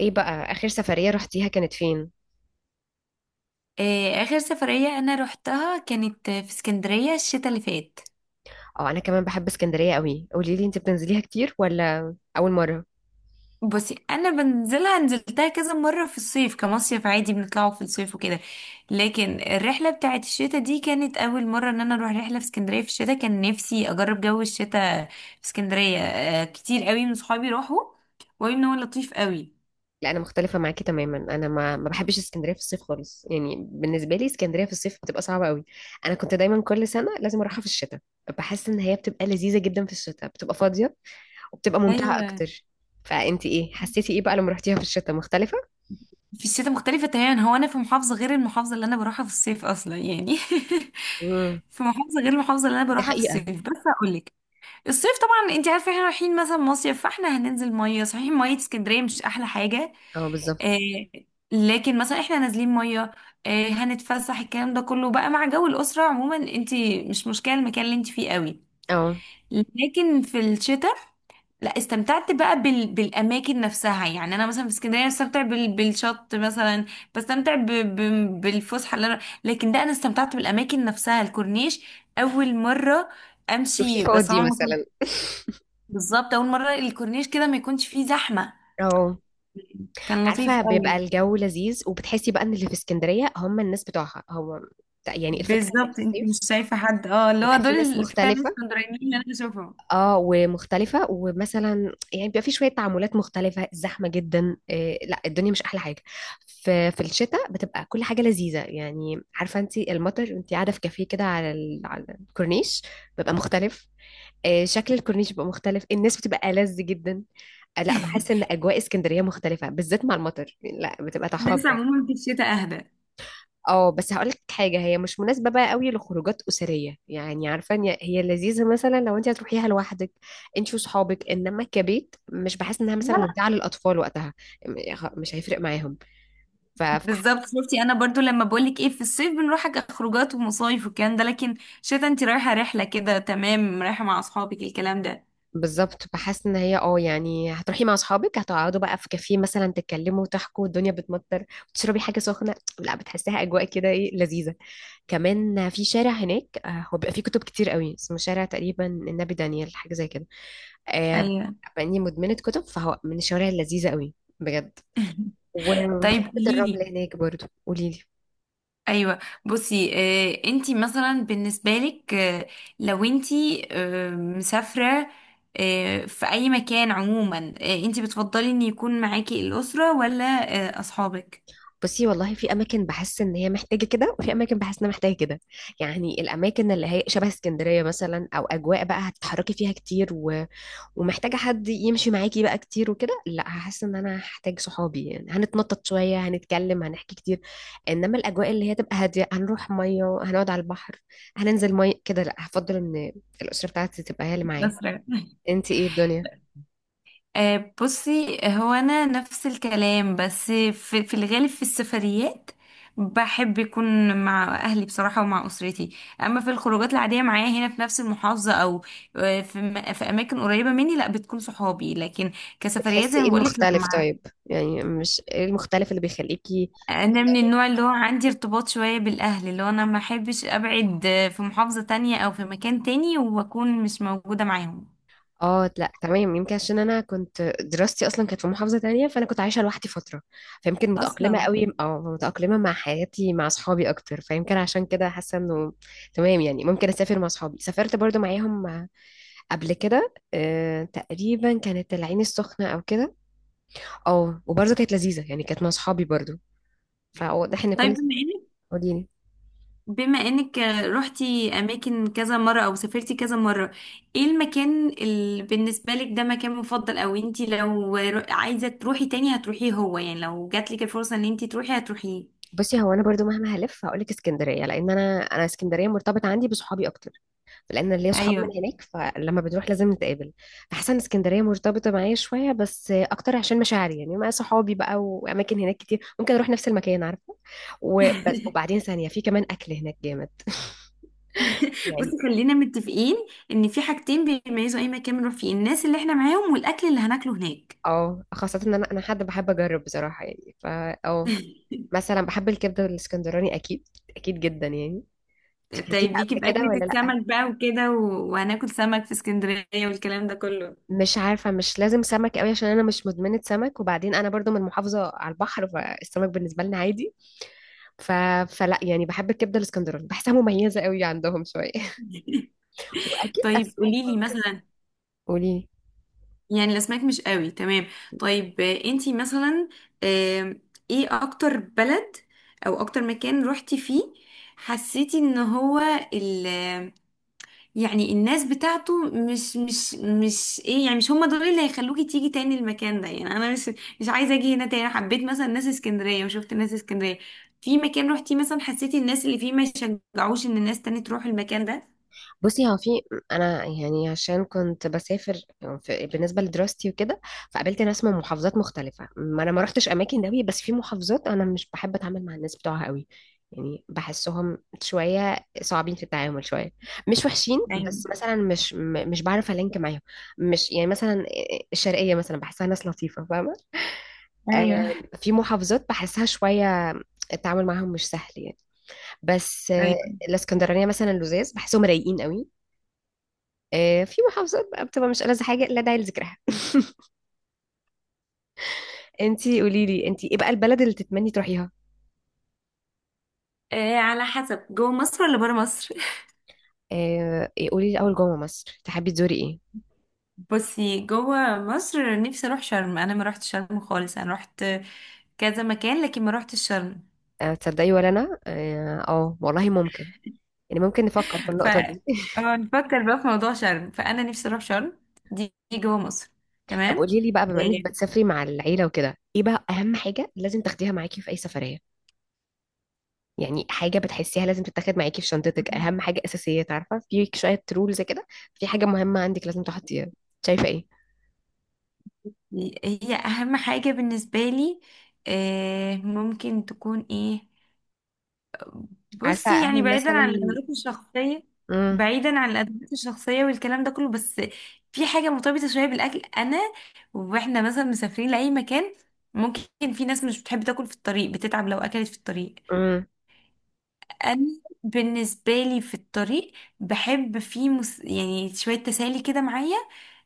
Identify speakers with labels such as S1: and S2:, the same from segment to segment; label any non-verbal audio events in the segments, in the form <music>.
S1: ايه بقى اخر سفرية رحتيها كانت فين؟
S2: آه، آخر سفرية أنا روحتها كانت في اسكندرية الشتاء اللي فات.
S1: اه، انا كمان بحب اسكندرية قوي. قولي لي، انت بتنزليها كتير ولا اول مرة؟
S2: بصي، أنا بنزلها، نزلتها كذا مرة في الصيف كمصيف عادي، بنطلعوا في الصيف وكده. لكن الرحلة بتاعت الشتاء دي كانت أول مرة إن أنا أروح رحلة في اسكندرية في الشتاء. كان نفسي أجرب جو الشتاء في اسكندرية. آه، كتير قوي من صحابي راحوا وقالوا إن هو لطيف قوي.
S1: لا، انا مختلفة معاكي تماما. انا ما بحبش اسكندرية في الصيف خالص، يعني بالنسبة لي اسكندرية في الصيف بتبقى صعبة قوي. انا كنت دايما كل سنة لازم اروحها في الشتاء. بحس ان هي بتبقى لذيذة جدا في الشتاء، بتبقى فاضية وبتبقى ممتعة
S2: أيوة.
S1: اكتر. فانت ايه، حسيتي ايه بقى لما رحتيها في الشتاء؟ مختلفة؟
S2: في الشتاء مختلفة تماما، هو أنا في محافظة غير المحافظة اللي أنا بروحها في الصيف أصلا، يعني
S1: امم
S2: <laughs> في محافظة غير المحافظة اللي أنا
S1: دي
S2: بروحها في
S1: حقيقة.
S2: الصيف، بس أقولك، الصيف طبعا انت عارفه احنا رايحين مثلا مصيف، فاحنا هننزل ميه، صحيح ميه اسكندريه مش احلى حاجه.
S1: اه، بالظبط.
S2: آه. لكن مثلا احنا نازلين ميه، آه هنتفسح، الكلام ده كله بقى مع جو الاسره عموما، انت مش مشكله المكان اللي انت فيه قوي.
S1: اه،
S2: لكن في الشتاء لا، استمتعت بقى بال بالاماكن نفسها، يعني انا مثلا في اسكندريه بستمتع بال بالشط مثلا، بستمتع ب ب بالفسحه اللي انا، لكن ده انا استمتعت بالاماكن نفسها، الكورنيش اول مره
S1: شوفي،
S2: امشي بس
S1: فاضي
S2: عمري،
S1: مثلا.
S2: بالظبط اول مره الكورنيش كده ما يكونش فيه زحمه،
S1: اه،
S2: كان لطيف
S1: عارفة بيبقى
S2: قوي.
S1: الجو لذيذ، وبتحسي بقى ان اللي في اسكندرية هم الناس بتوعها. هو يعني الفكرة ان في
S2: بالظبط، انت مش
S1: الصيف
S2: شايفه حد، اه اللي هو
S1: بيبقى في ناس
S2: دول فعلا
S1: مختلفة.
S2: اسكندرانيين اللي انا بشوفهم.
S1: اه، ومختلفة، ومثلا يعني بيبقى في شوية تعاملات مختلفة. زحمة جدا، إيه لا، الدنيا مش أحلى حاجة. في الشتاء بتبقى كل حاجة لذيذة، يعني عارفة انت، المطر، انت قاعدة في كافيه كده على الكورنيش، بيبقى مختلف. إيه، شكل الكورنيش بيبقى مختلف، الناس بتبقى ألذ جدا. آه، لا بحس ان
S2: <laughs>
S1: اجواء اسكندريه مختلفه بالذات مع المطر، لا بتبقى تحفه
S2: الناس
S1: بجد.
S2: عموما في الشتاء اهدى، لا
S1: اه، بس هقولك حاجة، هي مش مناسبة بقى قوي لخروجات أسرية. يعني عارفة إن هي لذيذة مثلا لو انت هتروحيها لوحدك، انت وصحابك، انما كبيت مش بحس انها مثلا
S2: لا
S1: ممتعة للأطفال وقتها. مش هيفرق معاهم. ف فح-
S2: بالظبط، شفتي انا برضو لما بقولك ايه، في الصيف بنروح خروجات ومصايف والكلام ده، لكن شتا انت رايحه رحله كده، تمام، رايحه مع اصحابك الكلام ده.
S1: بالظبط، بحس ان هي يعني هتروحي مع اصحابك، هتقعدوا بقى في كافيه مثلا تتكلموا وتحكوا، الدنيا بتمطر وتشربي حاجة سخنة. لا، بتحسيها أجواء كده، ايه، لذيذة. كمان في شارع هناك هو بيبقى فيه كتب كتير قوي، اسمه شارع تقريبا النبي دانيال، حاجة زي كده. آه
S2: ايوه.
S1: باني مدمنه كتب، فهو من الشوارع اللذيذه قوي، بجد.
S2: <laughs> طيب
S1: وحبه الرمل
S2: قوليلي.
S1: هناك برضو. قولي لي،
S2: ايوه. بصي آه، انتي مثلا بالنسبه لك، آه لو انتي آه مسافره آه في اي مكان عموما، آه انتي بتفضلي ان يكون معاكي الاسره ولا آه اصحابك؟
S1: بصي والله في اماكن بحس ان هي محتاجه كده، وفي اماكن بحس انها محتاجه كده. يعني الاماكن اللي هي شبه اسكندريه مثلا، او اجواء بقى هتتحركي فيها كتير ومحتاجه حد يمشي معاكي بقى كتير وكده، لا هحس ان انا هحتاج صحابي، يعني هنتنطط شويه، هنتكلم، هنحكي كتير. انما الاجواء اللي هي تبقى هاديه، هنروح ميه، هنقعد على البحر، هننزل ميه كده، لا هفضل ان الاسره بتاعتي تبقى هي اللي معايا.
S2: الأسرة.
S1: انت ايه الدنيا؟
S2: آه، بصي هو انا نفس الكلام، بس في الغالب، في السفريات بحب يكون مع اهلي بصراحة، ومع اسرتي. اما في الخروجات العادية معايا هنا في نفس المحافظة، او آه، في اماكن قريبة مني، لا بتكون صحابي. لكن كسفريات
S1: بتحسي
S2: زي ما
S1: ايه
S2: بقولك، لا
S1: المختلف
S2: مع،
S1: طيب؟ يعني مش ايه المختلف اللي بيخليكي؟
S2: انا من النوع اللي هو عندي ارتباط شوية بالاهل، اللي هو انا ما احبش ابعد آه، في محافظة تانية او في مكان تاني واكون مش موجودة معاهم
S1: اه، لا تمام، يمكن عشان انا كنت دراستي اصلا كانت في محافظة تانية، فانا كنت عايشة لوحدي فترة، فيمكن متأقلمة
S2: اصلا.
S1: قوي، متأقلمة مع حياتي مع اصحابي اكتر، فيمكن عشان كده حاسة انه تمام، يعني ممكن اسافر مع اصحابي. سافرت برضو معاهم قبل كده، تقريبا كانت العين السخنة او كده. اه، وبرضو كانت لذيذة، يعني كانت مع اصحابي برضو. فواضح ان
S2: طيب،
S1: كل...
S2: بما
S1: قوليلي.
S2: بما انك رحتي اماكن كذا مرة، او سافرتي كذا مرة، ايه المكان اللي بالنسبة لك ده مكان مفضل، او انتي لو عايزة تروحي تاني هتروحيه؟ هو يعني لو جاتلك الفرصة ان انتي تروحي هتروحيه؟
S1: بصي، هو انا برضو مهما هلف هقولك اسكندريه، لان انا اسكندريه مرتبط عندي بصحابي اكتر، لان ليا صحاب من
S2: ايوه.
S1: هناك، فلما بنروح لازم نتقابل. احسن اسكندريه مرتبطه معايا شويه، بس اكتر عشان مشاعري يعني مع صحابي بقى، واماكن هناك كتير ممكن اروح نفس المكان، عارفه. وبس،
S2: <laughs>
S1: وبعدين ثانيه في كمان اكل هناك جامد. <laughs> يعني.
S2: بصي خلينا متفقين ان في حاجتين بيميزوا اي مكان بنروح فيه: الناس اللي احنا معاهم، والاكل اللي هناكله هناك.
S1: اه، خاصه ان انا حد بحب اجرب بصراحه، يعني فا اه مثلا بحب الكبده الاسكندراني، اكيد، اكيد جدا يعني. أنت اكلتيها
S2: طيب ليكي
S1: قبل كده
S2: باكلة
S1: ولا لا؟
S2: السمك بقى وكده وهناكل سمك في اسكندرية والكلام ده كله.
S1: مش عارفة، مش لازم سمك قوي، عشان أنا مش مدمنة سمك، وبعدين أنا برضو من محافظة على البحر، فالسمك بالنسبة لنا عادي. ف... فلا يعني، بحب الكبدة الاسكندراني، بحسها مميزة قوي عندهم شوية.
S2: <laughs>
S1: <laughs> وأكيد
S2: طيب
S1: أسماك
S2: قوليلي
S1: ممكن.
S2: مثلا،
S1: قولي.
S2: يعني الاسماك مش قوي تمام. طيب آه، انتي مثلا آم، ايه اكتر بلد او اكتر مكان روحتي فيه حسيتي ان هو ال، يعني الناس بتاعته مش ايه، يعني مش هم دول اللي هيخلوكي تيجي تاني المكان ده، يعني انا مش مش عايزه اجي هنا تاني. أنا حبيت مثلا ناس اسكندريه وشفت ناس اسكندريه، في مكان روحتي مثلا حسيتي الناس اللي فيه ما يشجعوش ان الناس تاني تروح المكان ده؟
S1: بصي، هو في... انا يعني، عشان كنت بسافر في بالنسبه لدراستي وكده، فقابلت ناس من محافظات مختلفه. ما انا ما رحتش اماكن قوي، بس في محافظات انا مش بحب اتعامل مع الناس بتوعها قوي، يعني بحسهم شويه صعبين في التعامل، شويه، مش وحشين،
S2: ايوه.
S1: بس مثلا مش مش بعرف الينك معاهم، مش يعني مثلا، الشرقيه مثلا بحسها ناس لطيفه فاهمه.
S2: ايوه.
S1: آه، في محافظات بحسها شويه التعامل معاهم مش سهل يعني. بس،
S2: ايوه.
S1: الاسكندرانيه مثلا لزاز بحسهم رايقين قوي. في محافظات بقى بتبقى مش ألذ حاجة، لا داعي لذكرها. <laughs> انتي قولي لي، انتي ايه بقى البلد اللي تتمني تروحيها؟
S2: آه، على حسب جوه مصر ولا بره مصر؟
S1: آه، إيه، قولي لي اول، جوه مصر تحبي تزوري ايه؟
S2: بصي جوه مصر، نفسي اروح شرم، انا ما رحت شرم خالص، انا رحت كذا مكان لكن ما رحت شرم.
S1: تصدقي ولا انا والله ممكن، يعني ممكن نفكر في
S2: ف
S1: النقطة دي. <laughs>
S2: اه نفكر بقى في موضوع شرم، فانا نفسي اروح شرم. دي جوه مصر.
S1: طب
S2: تمام.
S1: قولي لي بقى، بما انك
S2: آه،
S1: بتسافري مع العيلة وكده، ايه بقى اهم حاجة لازم تاخديها معاكي في اي سفرية؟ يعني حاجة بتحسيها لازم تتاخد معاكي في شنطتك، اهم حاجة اساسية، عارفة، في شوية رولز كده، في حاجة مهمة عندك لازم تحطيها. شايفة ايه؟
S2: هي اهم حاجة بالنسبة لي آه، ممكن تكون ايه؟
S1: عارفة
S2: بصي
S1: انا
S2: يعني بعيدا عن
S1: مثلا...
S2: الادوات الشخصيه،
S1: امم،
S2: بعيدا عن الادوات الشخصيه والكلام ده كله، بس في حاجه مرتبطه شويه بالاكل، انا واحنا مثلا مسافرين لاي مكان، ممكن في ناس مش بتحب تاكل في الطريق، بتتعب لو اكلت في الطريق.
S1: امم،
S2: انا بالنسبه لي في الطريق بحب في يعني شويه تسالي كده معايا،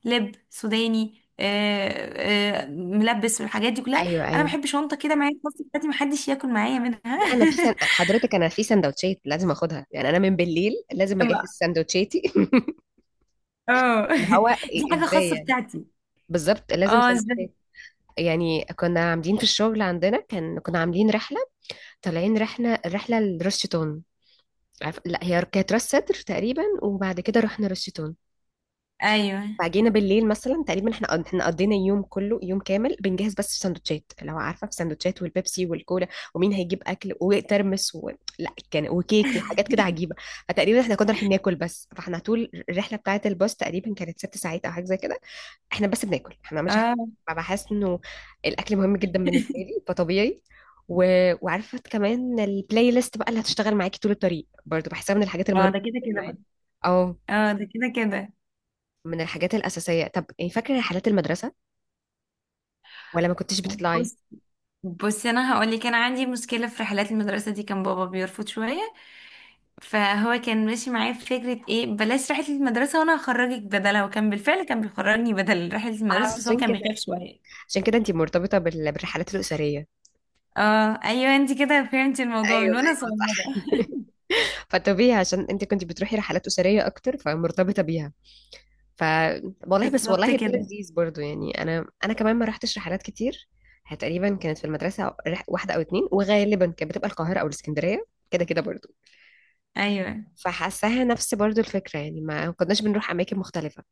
S2: لب سوداني آه، آه، ملبس والحاجات دي كلها.
S1: ايوه،
S2: انا
S1: ايوه.
S2: بحب شنطه كده معايا في الباص بتاعتي محدش ياكل معايا منها.
S1: لا، انا حضرتك انا في سندوتشات لازم اخدها، يعني انا من بالليل لازم اجهز
S2: <laughs>
S1: سندوتشاتي. <laughs>
S2: اه.
S1: اللي هو
S2: <laughs> دي حاجة
S1: ازاي
S2: خاصة
S1: يعني.
S2: بتاعتي.
S1: بالظبط، لازم
S2: اه، ازاي؟
S1: سندوتشات. يعني كنا عاملين في الشغل عندنا، كان كنا عاملين رحله، طالعين رحله رحله لراس شيطان. لا، هي كانت راس سدر تقريبا، وبعد كده رحنا راس شيطان.
S2: ايوه.
S1: فجينا بالليل مثلا تقريبا، احنا قضينا يوم كله، يوم كامل بنجهز، بس في سندوتشات، لو عارفه، في سندوتشات والبيبسي والكولا، ومين هيجيب اكل وترمس لا كان وكيك وحاجات كده عجيبه. فتقريبا احنا كنا رايحين ناكل بس، فاحنا طول الرحله بتاعه الباص تقريبا كانت 6 ساعات او حاجه زي كده. احنا بس بناكل، احنا ما عملناش حاجه.
S2: اه.
S1: فبحس انه الاكل مهم جدا بالنسبه
S2: <laughs>
S1: لي، فطبيعي. و... وعارفه كمان البلاي ليست بقى اللي هتشتغل معاكي طول الطريق، برضو بحسها من الحاجات
S2: اه
S1: المهمه
S2: ده كده
S1: جدا
S2: كده
S1: معانا.
S2: بقى.
S1: اه،
S2: اه ده كده كده.
S1: من الحاجات الأساسية. طب، يعني فاكرة رحلات المدرسة ولا ما كنتش بتطلعي؟
S2: بص بصي انا هقول لك، انا عندي مشكله في رحلات المدرسه دي، كان بابا بيرفض شويه، فهو كان ماشي معايا في فكره ايه بلاش رحله المدرسه وانا هخرجك بدلها، وكان بالفعل كان بيخرجني بدل رحله
S1: آه،
S2: المدرسه، بس هو
S1: عشان
S2: كان
S1: كده
S2: بيخاف شويه.
S1: عشان كده انت مرتبطة بالرحلات الأسرية.
S2: اه ايوه، انت كده فهمتي الموضوع
S1: ايوه،
S2: من وانا
S1: ايوه،
S2: صغيره.
S1: صح.
S2: <laughs>
S1: <laughs> فطبيعي عشان انت كنت بتروحي رحلات أسرية أكتر، فمرتبطة بيها. ف والله، بس
S2: بالظبط
S1: والله ده
S2: كده.
S1: لذيذ برضو، يعني أنا كمان ما رحتش رحلات كتير. هي تقريبا كانت في المدرسة واحدة أو اتنين، وغالبا كانت بتبقى القاهرة أو الإسكندرية، كده كده برضو.
S2: ايوه.
S1: فحاساها نفس برضو الفكرة، يعني ما كناش بنروح أماكن مختلفة.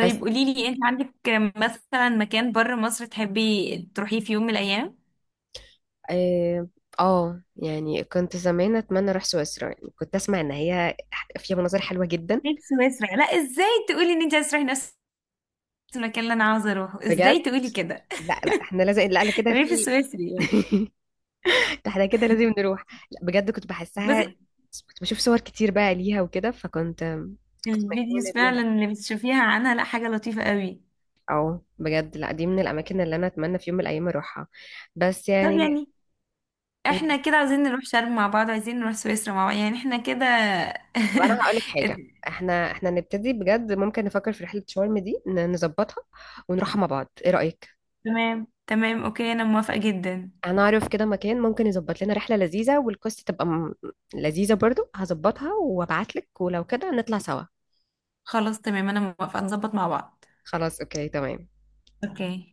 S1: بس،
S2: قوليلي، انت عندك مثلا مكان بره مصر تحبي تروحيه في يوم من الايام؟
S1: اه يعني كنت زمان اتمنى اروح سويسرا، يعني كنت اسمع ان هي فيها مناظر حلوة جدا،
S2: ليه سويسرا؟ لا ازاي تقولي ان انت عايزه تروحي نفس المكان اللي انا عاوزه اروحه؟
S1: بجد.
S2: ازاي تقولي كده؟
S1: لا، لا، احنا لازم، لا، لا،
S2: <laughs>
S1: كده
S2: الريف
S1: في.
S2: السويسري يعني.
S1: <laughs> احنا كده لازم نروح. لا بجد، كنت
S2: بس
S1: بحسها، كنت بشوف صور كتير بقى ليها وكده فكنت
S2: الفيديوز
S1: مجنونة
S2: فعلا
S1: بيها.
S2: اللي بتشوفيها عنها لا حاجه لطيفه قوي.
S1: او بجد، لا دي من الاماكن اللي انا اتمنى في يوم من الايام اروحها. بس
S2: طب
S1: يعني،
S2: يعني
S1: طب
S2: احنا كده عايزين نروح شرم مع بعض، عايزين نروح سويسرا مع بعض، يعني احنا كده.
S1: انا هقول لك حاجة،
S2: <laughs>
S1: احنا نبتدي بجد ممكن نفكر في رحلة شرم دي، نظبطها ونروحها مع بعض. ايه رأيك؟
S2: تمام تمام، اوكي، انا موافقه جدا.
S1: انا اعرف كده مكان ممكن يظبط لنا رحله لذيذه، والكوست تبقى لذيذه برضو. هظبطها وابعت لك، ولو كده نطلع سوا.
S2: خلاص تمام، انا موافقه نظبط مع بعض.
S1: خلاص، اوكي، تمام.
S2: اوكي.